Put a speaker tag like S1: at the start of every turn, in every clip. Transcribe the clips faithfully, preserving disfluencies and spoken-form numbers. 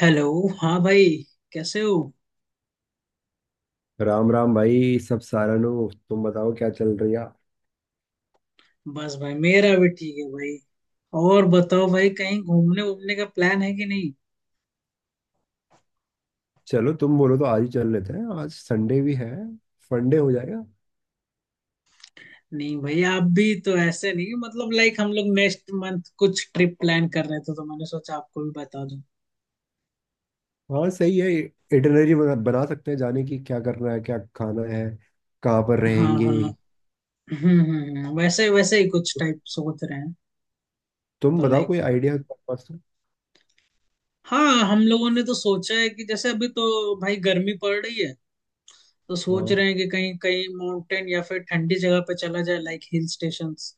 S1: Hello, हाँ भाई। कैसे हो?
S2: राम राम भाई। सब सारानु तुम बताओ क्या चल रही है।
S1: बस भाई मेरा भी ठीक है भाई। और बताओ भाई, कहीं घूमने वूमने का प्लान है कि नहीं?
S2: चलो तुम बोलो तो आज ही चल लेते हैं। आज संडे भी है। फंडे हो जाएगा।
S1: नहीं भाई, आप भी तो ऐसे नहीं, मतलब लाइक हम लोग नेक्स्ट मंथ कुछ ट्रिप प्लान कर रहे थे, तो मैंने सोचा आपको भी बता दूं।
S2: हाँ सही है। इटिनरी बना, बना सकते हैं। जाने की क्या करना है, क्या खाना है, कहाँ पर
S1: हाँ,
S2: रहेंगे।
S1: हाँ। हम्म हम्म हम्म, वैसे वैसे ही कुछ टाइप सोच रहे हैं।
S2: तुम
S1: तो
S2: बताओ कोई
S1: लाइक
S2: आइडिया है तुम्हारे पास तो?
S1: हाँ, हम लोगों ने तो सोचा है कि जैसे अभी तो भाई गर्मी पड़ रही है, तो सोच
S2: हाँ,
S1: रहे हैं कि कहीं कहीं माउंटेन या फिर ठंडी जगह पे चला जाए, लाइक हिल स्टेशंस।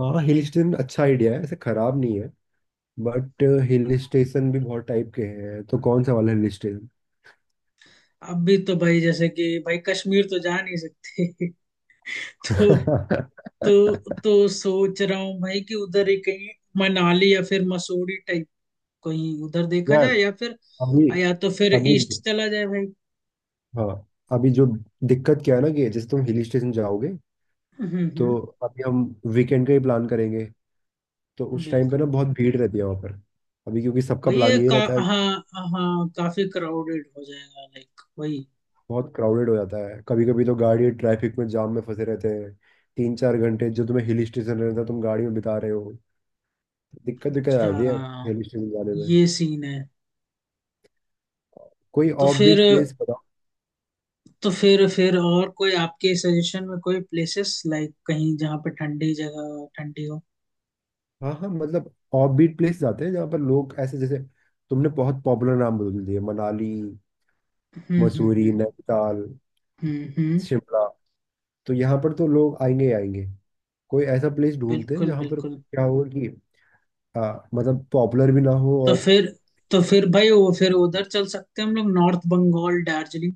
S2: हाँ। हिल स्टेशन अच्छा आइडिया है, ऐसे खराब नहीं है। बट हिल स्टेशन भी बहुत टाइप के हैं, तो कौन सा वाला हिल स्टेशन।
S1: अभी तो भाई जैसे कि भाई कश्मीर तो जा नहीं सकते तो तो तो सोच रहा हूँ भाई कि उधर ही कहीं मनाली या फिर मसूरी टाइप कहीं उधर देखा
S2: यार,
S1: जाए, या फिर
S2: अभी,
S1: या तो फिर
S2: अभी,
S1: ईस्ट चला जाए भाई।
S2: हाँ। अभी जो दिक्कत क्या है ना कि जैसे तुम हिल स्टेशन जाओगे
S1: हम्म, हम्म।
S2: तो। अभी हम वीकेंड का ही प्लान करेंगे, तो उस टाइम पे ना
S1: बिल्कुल, बिल्कुल।
S2: बहुत भीड़ रहती है वहाँ पर। अभी क्योंकि सबका
S1: वही
S2: प्लान
S1: है
S2: ये
S1: का।
S2: रहता है।
S1: हाँ, हाँ, काफी क्राउडेड हो जाएगा लाइक वही।
S2: बहुत क्राउडेड हो जाता है, कभी कभी तो गाड़ी ट्रैफिक में, जाम में फंसे रहते हैं। तीन चार घंटे जो तुम्हें हिल स्टेशन रहता है, तुम गाड़ी में बिता रहे हो। दिक्कत दिक्कत आ जाती है
S1: अच्छा,
S2: हिल स्टेशन जाने में।
S1: ये सीन है।
S2: कोई
S1: तो फिर
S2: ऑफबीट प्लेस बताओ।
S1: तो फिर फिर और कोई आपके सजेशन में कोई प्लेसेस, लाइक कहीं जहाँ पे ठंडी जगह, ठंडी हो।
S2: हाँ, हाँ, मतलब ऑफबीट प्लेस जाते हैं जहाँ पर लोग ऐसे जैसे, तुमने बहुत पॉपुलर नाम बोल दिए। मनाली,
S1: हम्म, हम्म,
S2: मसूरी,
S1: हम्म,
S2: नैनीताल,
S1: हम्म, हम्म।
S2: शिमला। तो यहाँ पर तो लोग आएंगे ही आएंगे। कोई ऐसा प्लेस ढूंढते हैं
S1: बिल्कुल,
S2: जहाँ पर
S1: बिल्कुल।
S2: क्या हो कि आ, मतलब पॉपुलर भी ना हो
S1: तो
S2: और।
S1: फिर तो फिर भाई वो फिर उधर चल सकते हैं हम लोग, नॉर्थ बंगाल, दार्जिलिंग।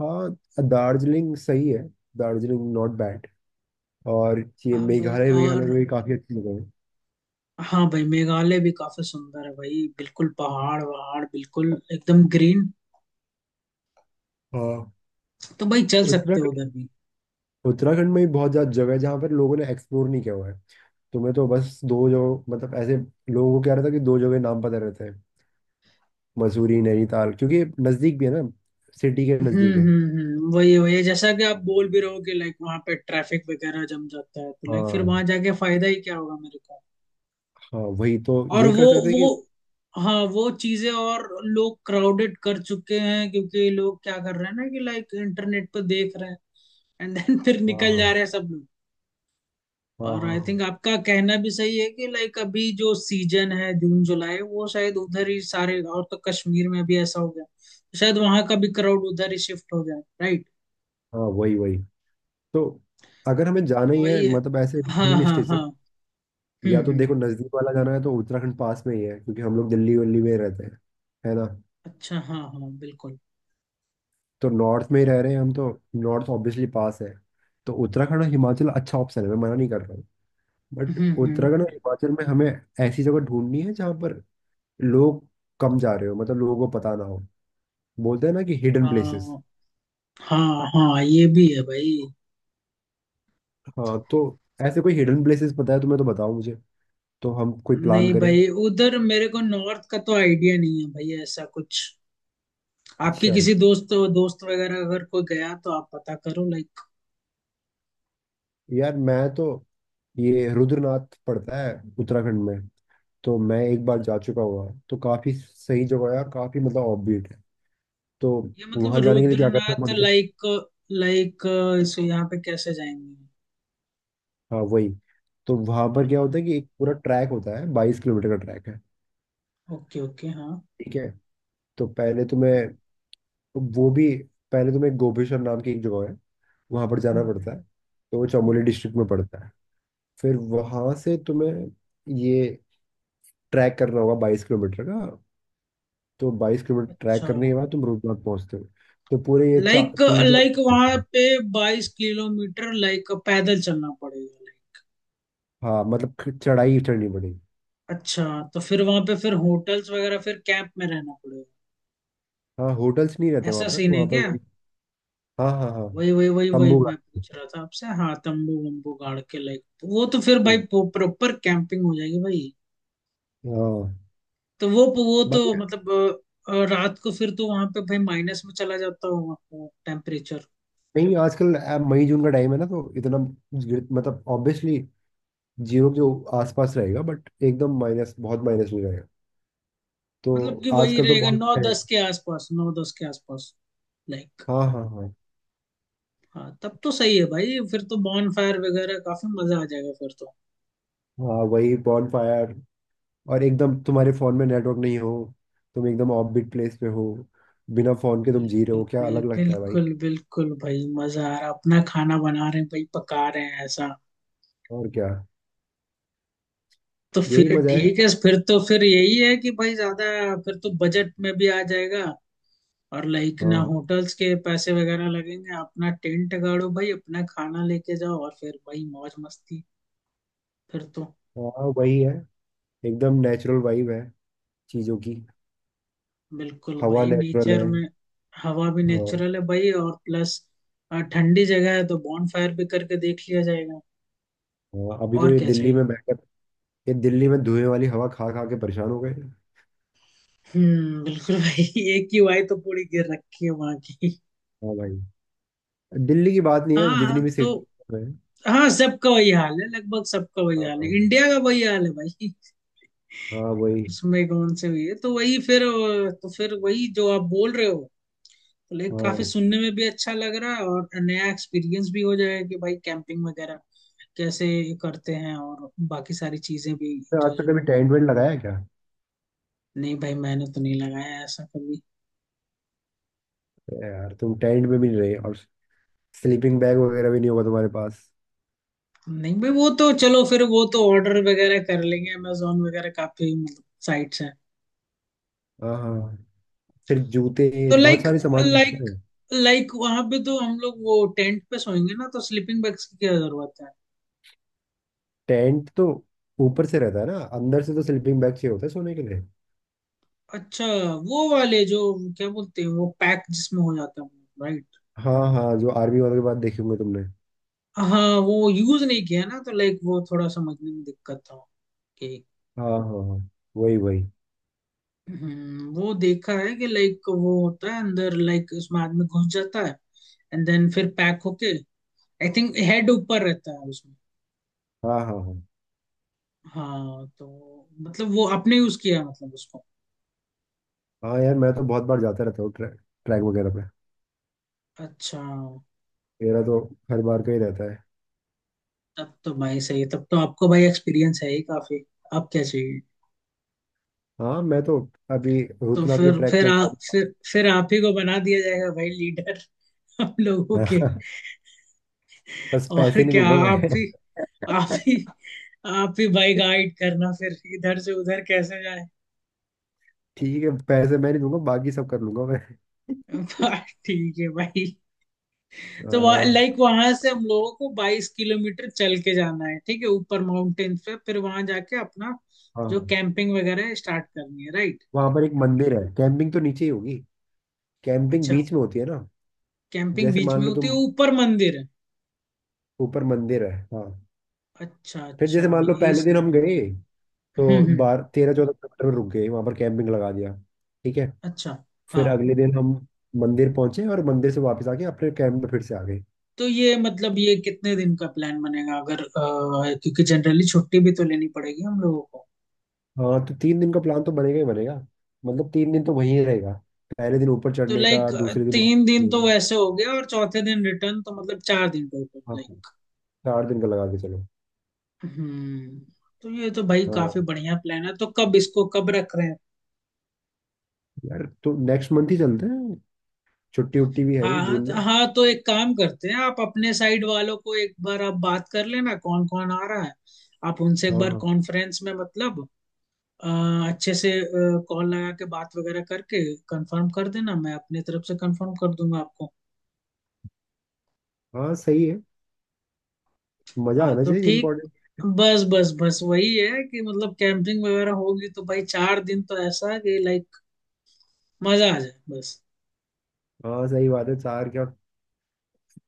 S2: हाँ। दार्जिलिंग सही है। Darjeeling not bad. और ये
S1: हाँ भाई,
S2: मेघालय वेघालय
S1: और
S2: में भी काफी अच्छी जगह है।
S1: हाँ भाई, मेघालय भी काफी सुंदर है भाई, बिल्कुल पहाड़ वहाड़, बिल्कुल एकदम ग्रीन।
S2: हाँ,
S1: तो भाई चल सकते हो
S2: उत्तराखंड।
S1: उधर भी।
S2: उत्तराखंड में भी बहुत ज्यादा जगह है जहाँ पर लोगों ने एक्सप्लोर नहीं किया हुआ है। तुम्हें तो बस दो जगह मतलब ऐसे, लोगों को क्या रहता है कि दो जगह नाम पता रहते हैं। मसूरी नैनीताल क्योंकि नजदीक भी है ना, सिटी के
S1: हम्म
S2: नजदीक है।
S1: हम्म हम्म, वही वही जैसा कि आप बोल भी रहे हो कि लाइक वहां पे ट्रैफिक वगैरह जम जाता है, तो लाइक फिर
S2: हाँ,
S1: वहां जाके फायदा ही क्या होगा मेरे को।
S2: हाँ, वही। तो
S1: और
S2: ये
S1: वो
S2: कर सकते हैं
S1: वो
S2: कि,
S1: हाँ, वो चीजें और लोग क्राउडेड कर चुके हैं, क्योंकि लोग क्या कर रहे हैं ना, कि लाइक इंटरनेट पर देख रहे हैं, एंड देन फिर
S2: हाँ,
S1: निकल जा
S2: हाँ,
S1: रहे हैं सब लोग।
S2: हाँ,
S1: और आई थिंक
S2: हाँ,
S1: आपका कहना भी सही है, कि लाइक अभी जो सीजन है, जून जुलाई, वो शायद उधर ही सारे, और तो कश्मीर में भी ऐसा हो गया, तो शायद वहां का भी क्राउड उधर ही शिफ्ट हो जाए, राइट।
S2: हाँ, वही, वही। तो अगर हमें जाना
S1: तो
S2: ही है
S1: वही है।
S2: मतलब ऐसे
S1: हाँ,
S2: हिल
S1: हाँ, हाँ।
S2: स्टेशन।
S1: हम्म,
S2: या तो
S1: हम्म।
S2: देखो, नज़दीक वाला जाना है तो उत्तराखंड पास में ही है, क्योंकि हम लोग दिल्ली वल्ली में रहते हैं, है ना।
S1: अच्छा, हाँ हाँ, बिल्कुल।
S2: तो नॉर्थ में ही रह रहे हैं हम तो। नॉर्थ ऑब्वियसली पास है। तो उत्तराखंड और हिमाचल अच्छा ऑप्शन है, मैं मना नहीं कर रहा हूँ। बट
S1: हम्म, हम्म।
S2: उत्तराखंड और हिमाचल में हमें ऐसी जगह ढूंढनी है जहाँ पर लोग कम जा रहे हो, मतलब लोगों को पता ना हो। बोलते हैं ना कि हिडन प्लेसेस।
S1: हाँ, हाँ, हाँ, ये भी है भाई।
S2: हाँ तो ऐसे कोई हिडन प्लेसेस पता है तुम्हें तो बताओ मुझे, तो हम कोई प्लान
S1: नहीं
S2: करें।
S1: भाई, उधर मेरे को नॉर्थ का तो आइडिया नहीं है भाई ऐसा कुछ। आपके
S2: अच्छा।
S1: किसी दोस्त दोस्त वगैरह अगर कोई गया तो आप पता करो, लाइक
S2: यार मैं तो, ये रुद्रनाथ पड़ता है उत्तराखंड में। तो मैं एक बार जा चुका हुआ, तो काफी सही जगह है और काफी मतलब ऑफबीट है। तो
S1: ये मतलब
S2: वहां जाने के लिए क्या करना
S1: रुद्रनाथ,
S2: पड़ता है।
S1: लाइक लाइक सो यहाँ पे कैसे जाएंगे?
S2: हाँ वही। तो वहां
S1: हाँ
S2: पर क्या
S1: हाँ,
S2: होता है कि एक पूरा ट्रैक होता है, बाईस किलोमीटर का ट्रैक है।
S1: ओके ओके, हाँ।
S2: ठीक है। तो पहले तुम्हें,
S1: हम्म,
S2: वो भी, पहले तुम्हें गोपेश्वर नाम की एक जगह है, वहां पर जाना पड़ता
S1: हम्म,
S2: है। तो वो चमोली
S1: हम्म,
S2: डिस्ट्रिक्ट में पड़ता है। फिर
S1: हम्म।
S2: वहां से तुम्हें ये ट्रैक करना होगा, बाईस किलोमीटर का। तो बाईस किलोमीटर ट्रैक
S1: अच्छा।
S2: करने के बाद तुम रूपनाथ पहुंचते हो। तो पूरे ये चा,
S1: लाइक
S2: तीन चार।
S1: लाइक वहां पे बाईस किलोमीटर लाइक पैदल चलना पड़ेगा लाइक?
S2: हाँ, मतलब ख- चढ़ाई ही चढ़नी पड़ेगी।
S1: अच्छा, तो फिर वहां पे फिर होटल्स वगैरह, फिर कैंप में रहना पड़ेगा?
S2: हाँ, होटल्स नहीं रहते वहाँ
S1: ऐसा
S2: पर।
S1: सीन है
S2: वहाँ पर
S1: क्या?
S2: वही। हाँ, हाँ, हाँ।
S1: वही वही वही वही
S2: तंबू
S1: मैं पूछ रहा था आपसे, हाँ तंबू वंबू गाड़ के, लाइक वो तो फिर भाई
S2: गाड़ी।
S1: प्रॉपर कैंपिंग हो जाएगी भाई।
S2: हाँ।
S1: तो वो वो तो
S2: बाकी।
S1: मतलब अ, अ, रात को फिर तो वहां पे भाई माइनस में चला जाता होगा टेम्परेचर?
S2: नहीं, आजकल अ, मई जून का टाइम है ना, तो इतना गिर- मतलब ऑब्वियसली जीरो के जो आसपास रहेगा, बट एकदम माइनस, बहुत माइनस नहीं रहेगा। तो
S1: मतलब कि वही
S2: आजकल तो
S1: रहेगा
S2: बहुत
S1: नौ
S2: है।
S1: दस के आसपास, नौ दस के आसपास? लाइक
S2: हाँ, हाँ, हाँ।
S1: हाँ, तब तो सही है भाई, फिर तो बॉन फायर वगैरह, काफी मजा आ जाएगा फिर तो।
S2: हाँ वही बॉन फायर। और एकदम तुम्हारे फोन में नेटवर्क नहीं हो, तुम एकदम ऑफबीट प्लेस पे हो, बिना फोन के तुम जी रहे
S1: बिल्कुल
S2: हो, क्या
S1: भाई,
S2: अलग लगता है भाई।
S1: बिल्कुल बिल्कुल भाई, मजा आ रहा, अपना खाना बना रहे हैं भाई, पका रहे हैं ऐसा।
S2: और क्या।
S1: तो फिर
S2: यही मजा है।
S1: ठीक है, फिर तो, फिर यही है कि भाई ज्यादा, फिर तो बजट में भी आ जाएगा। और लाइक ना
S2: हाँ,
S1: होटल्स के पैसे वगैरह लगेंगे, अपना टेंट गाड़ो भाई, अपना खाना लेके जाओ, और फिर भाई मौज मस्ती, फिर तो।
S2: हाँ वही है। एकदम नेचुरल वाइब है चीजों की।
S1: बिल्कुल
S2: हवा
S1: भाई,
S2: नेचुरल
S1: नेचर
S2: है।
S1: में हवा भी
S2: हाँ।
S1: नेचुरल है भाई, और प्लस ठंडी जगह है, तो बॉनफायर भी करके देख लिया जाएगा।
S2: हाँ अभी तो
S1: और
S2: ये
S1: क्या
S2: दिल्ली
S1: चाहिए?
S2: में बैठकर, ये दिल्ली में धुएं वाली हवा खा खा के परेशान हो गए।
S1: हम्म, बिल्कुल भाई। एक ही वाई तो पूरी गिर रखी है वहां की।
S2: हाँ भाई। दिल्ली की बात नहीं है, जितनी
S1: हाँ
S2: भी
S1: तो,
S2: सिटी है।
S1: हाँ, सबका वही हाल है, लगभग सबका वही
S2: हाँ,
S1: हाल है,
S2: हाँ,
S1: इंडिया का वही हाल है भाई।
S2: हाँ, वही।
S1: उसमें कौन से हुई है, तो वही फिर, अ, तो फिर वही जो आप बोल रहे हो। तो लाइक काफी
S2: हाँ
S1: सुनने में भी अच्छा लग रहा है, और नया एक्सपीरियंस भी हो जाएगा कि भाई कैंपिंग वगैरह कैसे करते हैं, और बाकी सारी चीजें भी
S2: तो आज
S1: जो
S2: तक
S1: जो।
S2: कभी टेंट वेंट लगाया है क्या।
S1: नहीं भाई, मैंने तो नहीं लगाया ऐसा कभी।
S2: अरे यार, तुम टेंट में भी नहीं रहे और स्लीपिंग बैग वगैरह भी नहीं होगा तुम्हारे पास।
S1: नहीं भाई वो तो चलो फिर, वो तो ऑर्डर वगैरह कर लेंगे, अमेजोन वगैरह काफी मतलब साइट्स हैं।
S2: हाँ, हाँ। फिर जूते,
S1: तो
S2: बहुत
S1: लाइक
S2: सारे सामान होते
S1: लाइक
S2: हैं।
S1: लाइक वहां पे तो हम लोग वो टेंट पे सोएंगे ना, तो स्लीपिंग बैग्स की क्या जरूरत है?
S2: टेंट तो ऊपर से रहता है ना, अंदर से तो स्लीपिंग बैग चाहिए होता है सोने के लिए।
S1: अच्छा, वो वाले जो, क्या बोलते हैं वो, पैक जिसमें हो जाता है, राइट।
S2: हाँ, हाँ, जो आर्मी वालों के बाद देखे होंगे तुमने।
S1: हाँ, वो यूज नहीं किया ना, तो लाइक वो थोड़ा समझने में दिक्कत था कि,
S2: हाँ, हाँ, हाँ, वही वही।
S1: हम्म, वो देखा है कि लाइक वो होता है अंदर, लाइक उसमें आदमी घुस जाता है, एंड देन फिर पैक होके, आई थिंक हेड ऊपर रहता है उसमें।
S2: हाँ, हाँ, हाँ,
S1: हाँ तो, मतलब वो आपने यूज किया है मतलब उसको?
S2: हाँ। यार मैं तो बहुत बार जाता रहता हूँ ट्रैक ट्रैक वगैरह पे।
S1: अच्छा,
S2: मेरा तो हर बार का ही रहता है।
S1: तब तो भाई सही, तब तो आपको भाई एक्सपीरियंस है ही काफी। आप क्या चाहिए।
S2: हाँ, मैं तो अभी
S1: तो
S2: रुद्रनाथ के
S1: फिर
S2: ट्रैक
S1: फिर
S2: में
S1: आ,
S2: गया
S1: फिर फिर आप ही को बना दिया जाएगा भाई लीडर। हम लोगों के।
S2: था। बस
S1: और
S2: पैसे नहीं
S1: क्या।
S2: दूंगा
S1: आप ही
S2: मैं।
S1: आप ही आप ही भाई गाइड करना, फिर इधर से उधर कैसे जाए।
S2: ठीक है, पैसे मैं नहीं दूंगा, बाकी सब कर लूंगा मैं।
S1: बस ठीक है भाई। तो वह, लाइक
S2: आ,
S1: वहां से हम लोगों को बाईस किलोमीटर चल के जाना है, ठीक है, ऊपर माउंटेन्स पे, फिर वहां जाके अपना जो
S2: हाँ,
S1: कैंपिंग वगैरह है स्टार्ट करनी है, राइट।
S2: वहां पर एक मंदिर है, कैंपिंग तो नीचे ही होगी। कैंपिंग
S1: अच्छा,
S2: बीच में होती है ना।
S1: कैंपिंग
S2: जैसे
S1: बीच
S2: मान
S1: में
S2: लो
S1: होती है,
S2: तुम,
S1: ऊपर मंदिर है।
S2: ऊपर मंदिर है, हाँ।
S1: अच्छा
S2: फिर
S1: अच्छा,
S2: जैसे मान लो
S1: ये
S2: पहले दिन हम
S1: सीन है।
S2: गए, तो
S1: हम्म, हम्म।
S2: बारह तेरह चौदह किलोमीटर में रुक गए, वहां पर कैंपिंग लगा दिया। ठीक है।
S1: अच्छा हाँ,
S2: फिर अगले दिन हम मंदिर पहुंचे और मंदिर से वापस आके अपने कैंप में फिर से आ गए।
S1: तो ये मतलब ये कितने दिन का प्लान बनेगा अगर अ, क्योंकि जनरली छुट्टी भी तो लेनी पड़ेगी हम लोगों को।
S2: हाँ तो तीन दिन का प्लान तो बनेगा ही बनेगा। मतलब तीन दिन तो वहीं रहेगा। पहले दिन ऊपर
S1: तो
S2: चढ़ने का,
S1: लाइक
S2: दूसरे दिन
S1: तीन दिन
S2: वहीं।
S1: तो वैसे हो गया, और चौथे दिन रिटर्न, तो मतलब चार दिन टोटल
S2: हाँ,
S1: लाइक।
S2: चार दिन का लगा के चलो।
S1: हम्म। तो ये तो भाई काफी
S2: हाँ
S1: बढ़िया प्लान है, तो कब इसको कब रख रहे हैं?
S2: यार, तो नेक्स्ट मंथ ही चलते हैं। छुट्टी उट्टी भी है ही
S1: हाँ
S2: जून
S1: हाँ तो,
S2: में।
S1: हाँ तो एक काम करते हैं, आप अपने साइड वालों को एक बार आप बात कर लेना, कौन कौन आ रहा है। आप उनसे एक
S2: हाँ,
S1: बार
S2: हाँ,
S1: कॉन्फ्रेंस में मतलब, अ, अच्छे से कॉल लगा के बात वगैरह करके कंफर्म कर देना, मैं अपने तरफ से कंफर्म कर दूंगा आपको।
S2: हाँ, सही है। मजा
S1: हाँ
S2: आना
S1: तो
S2: चाहिए
S1: ठीक,
S2: इम्पोर्टेंट।
S1: बस बस बस, वही है कि मतलब कैंपिंग वगैरह होगी तो भाई चार दिन तो, ऐसा कि लाइक मजा आ जाए बस।
S2: हाँ सही बात है। चार क्या,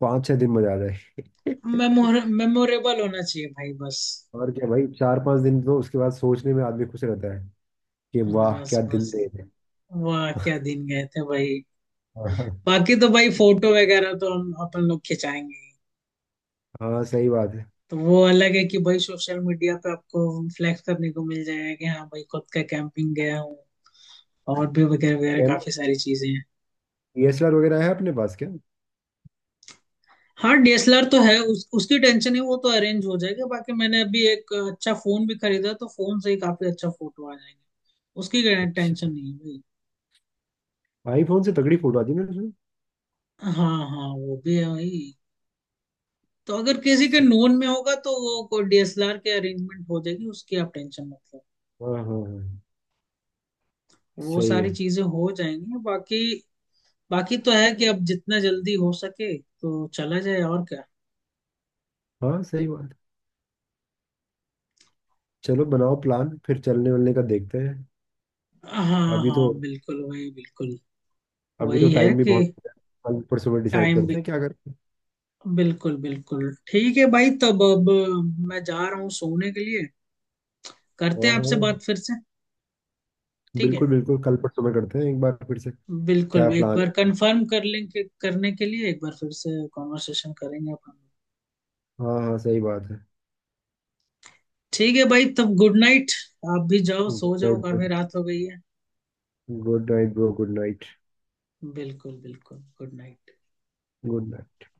S2: पाँच छह दिन मजा आ जाए।
S1: मेमोर मेमोरेबल होना चाहिए भाई, बस
S2: और क्या भाई, चार पांच दिन तो उसके बाद सोचने में आदमी खुश रहता है कि वाह
S1: बस
S2: क्या दिन
S1: बस।
S2: थे।
S1: वाह क्या दिन गए थे भाई।
S2: हाँ।
S1: बाकी तो भाई फोटो वगैरह तो हम अपन लोग खिंचाएंगे ही।
S2: हाँ सही बात है।
S1: तो वो अलग है कि भाई सोशल मीडिया पे आपको फ्लैक्स करने को मिल जाएगा, कि हाँ भाई खुद का कैंपिंग गया हूँ, और भी वगैरह वगैरह,
S2: कैम,
S1: काफी सारी चीजें हैं।
S2: डी एस एल आर वगैरह है अपने पास क्या।
S1: हाँ, डी एस एल आर तो है उस, उसकी टेंशन है, वो तो अरेंज हो जाएगा, बाकी मैंने अभी एक अच्छा फोन भी खरीदा, तो फोन से ही काफी अच्छा फोटो आ जाएंगे। उसकी
S2: अच्छा।
S1: टेंशन नहीं है भाई।
S2: आईफोन से तगड़ी फोटो आती है मेरे उसमें।
S1: हाँ हाँ, वो भी है भाई। तो अगर किसी के
S2: स-
S1: नोन में होगा तो वो कोई डी एस एल आर के अरेंजमेंट हो जाएगी, उसकी आप टेंशन मत लो।
S2: हाँ, हाँ, हाँ,
S1: वो
S2: सही
S1: सारी
S2: है।
S1: चीजें हो जाएंगी बाकी। बाकी तो है कि अब जितना जल्दी हो सके तो चला जाए, और क्या।
S2: हाँ सही बात है। चलो बनाओ प्लान, फिर चलने वलने का देखते हैं।
S1: हाँ
S2: अभी तो
S1: हाँ, बिल्कुल वही, बिल्कुल
S2: अभी तो
S1: वही है
S2: टाइम भी
S1: कि
S2: बहुत है। कल परसों में डिसाइड
S1: टाइम
S2: करते
S1: भी।
S2: हैं क्या करते हैं।
S1: बिल्कुल, बिल्कुल ठीक है भाई, तब अब मैं जा रहा हूँ सोने के लिए, करते
S2: हाँ,
S1: हैं
S2: हाँ,
S1: आपसे बात फिर से, ठीक
S2: बिल्कुल,
S1: है।
S2: बिल्कुल, कल परसों में करते हैं एक बार फिर से। क्या
S1: बिल्कुल, एक
S2: प्लान
S1: बार
S2: है।
S1: कंफर्म कर लेंगे, करने के लिए एक बार फिर से कॉन्वर्सेशन करेंगे अपन।
S2: हाँ, हाँ, सही बात है।
S1: ठीक है भाई, तब गुड नाइट, आप भी जाओ
S2: गुड
S1: सो
S2: नाइट
S1: जाओ,
S2: ब्रो।
S1: काफी रात हो गई है।
S2: Good night bro, good night.
S1: बिल्कुल बिल्कुल, गुड नाइट।
S2: Good night.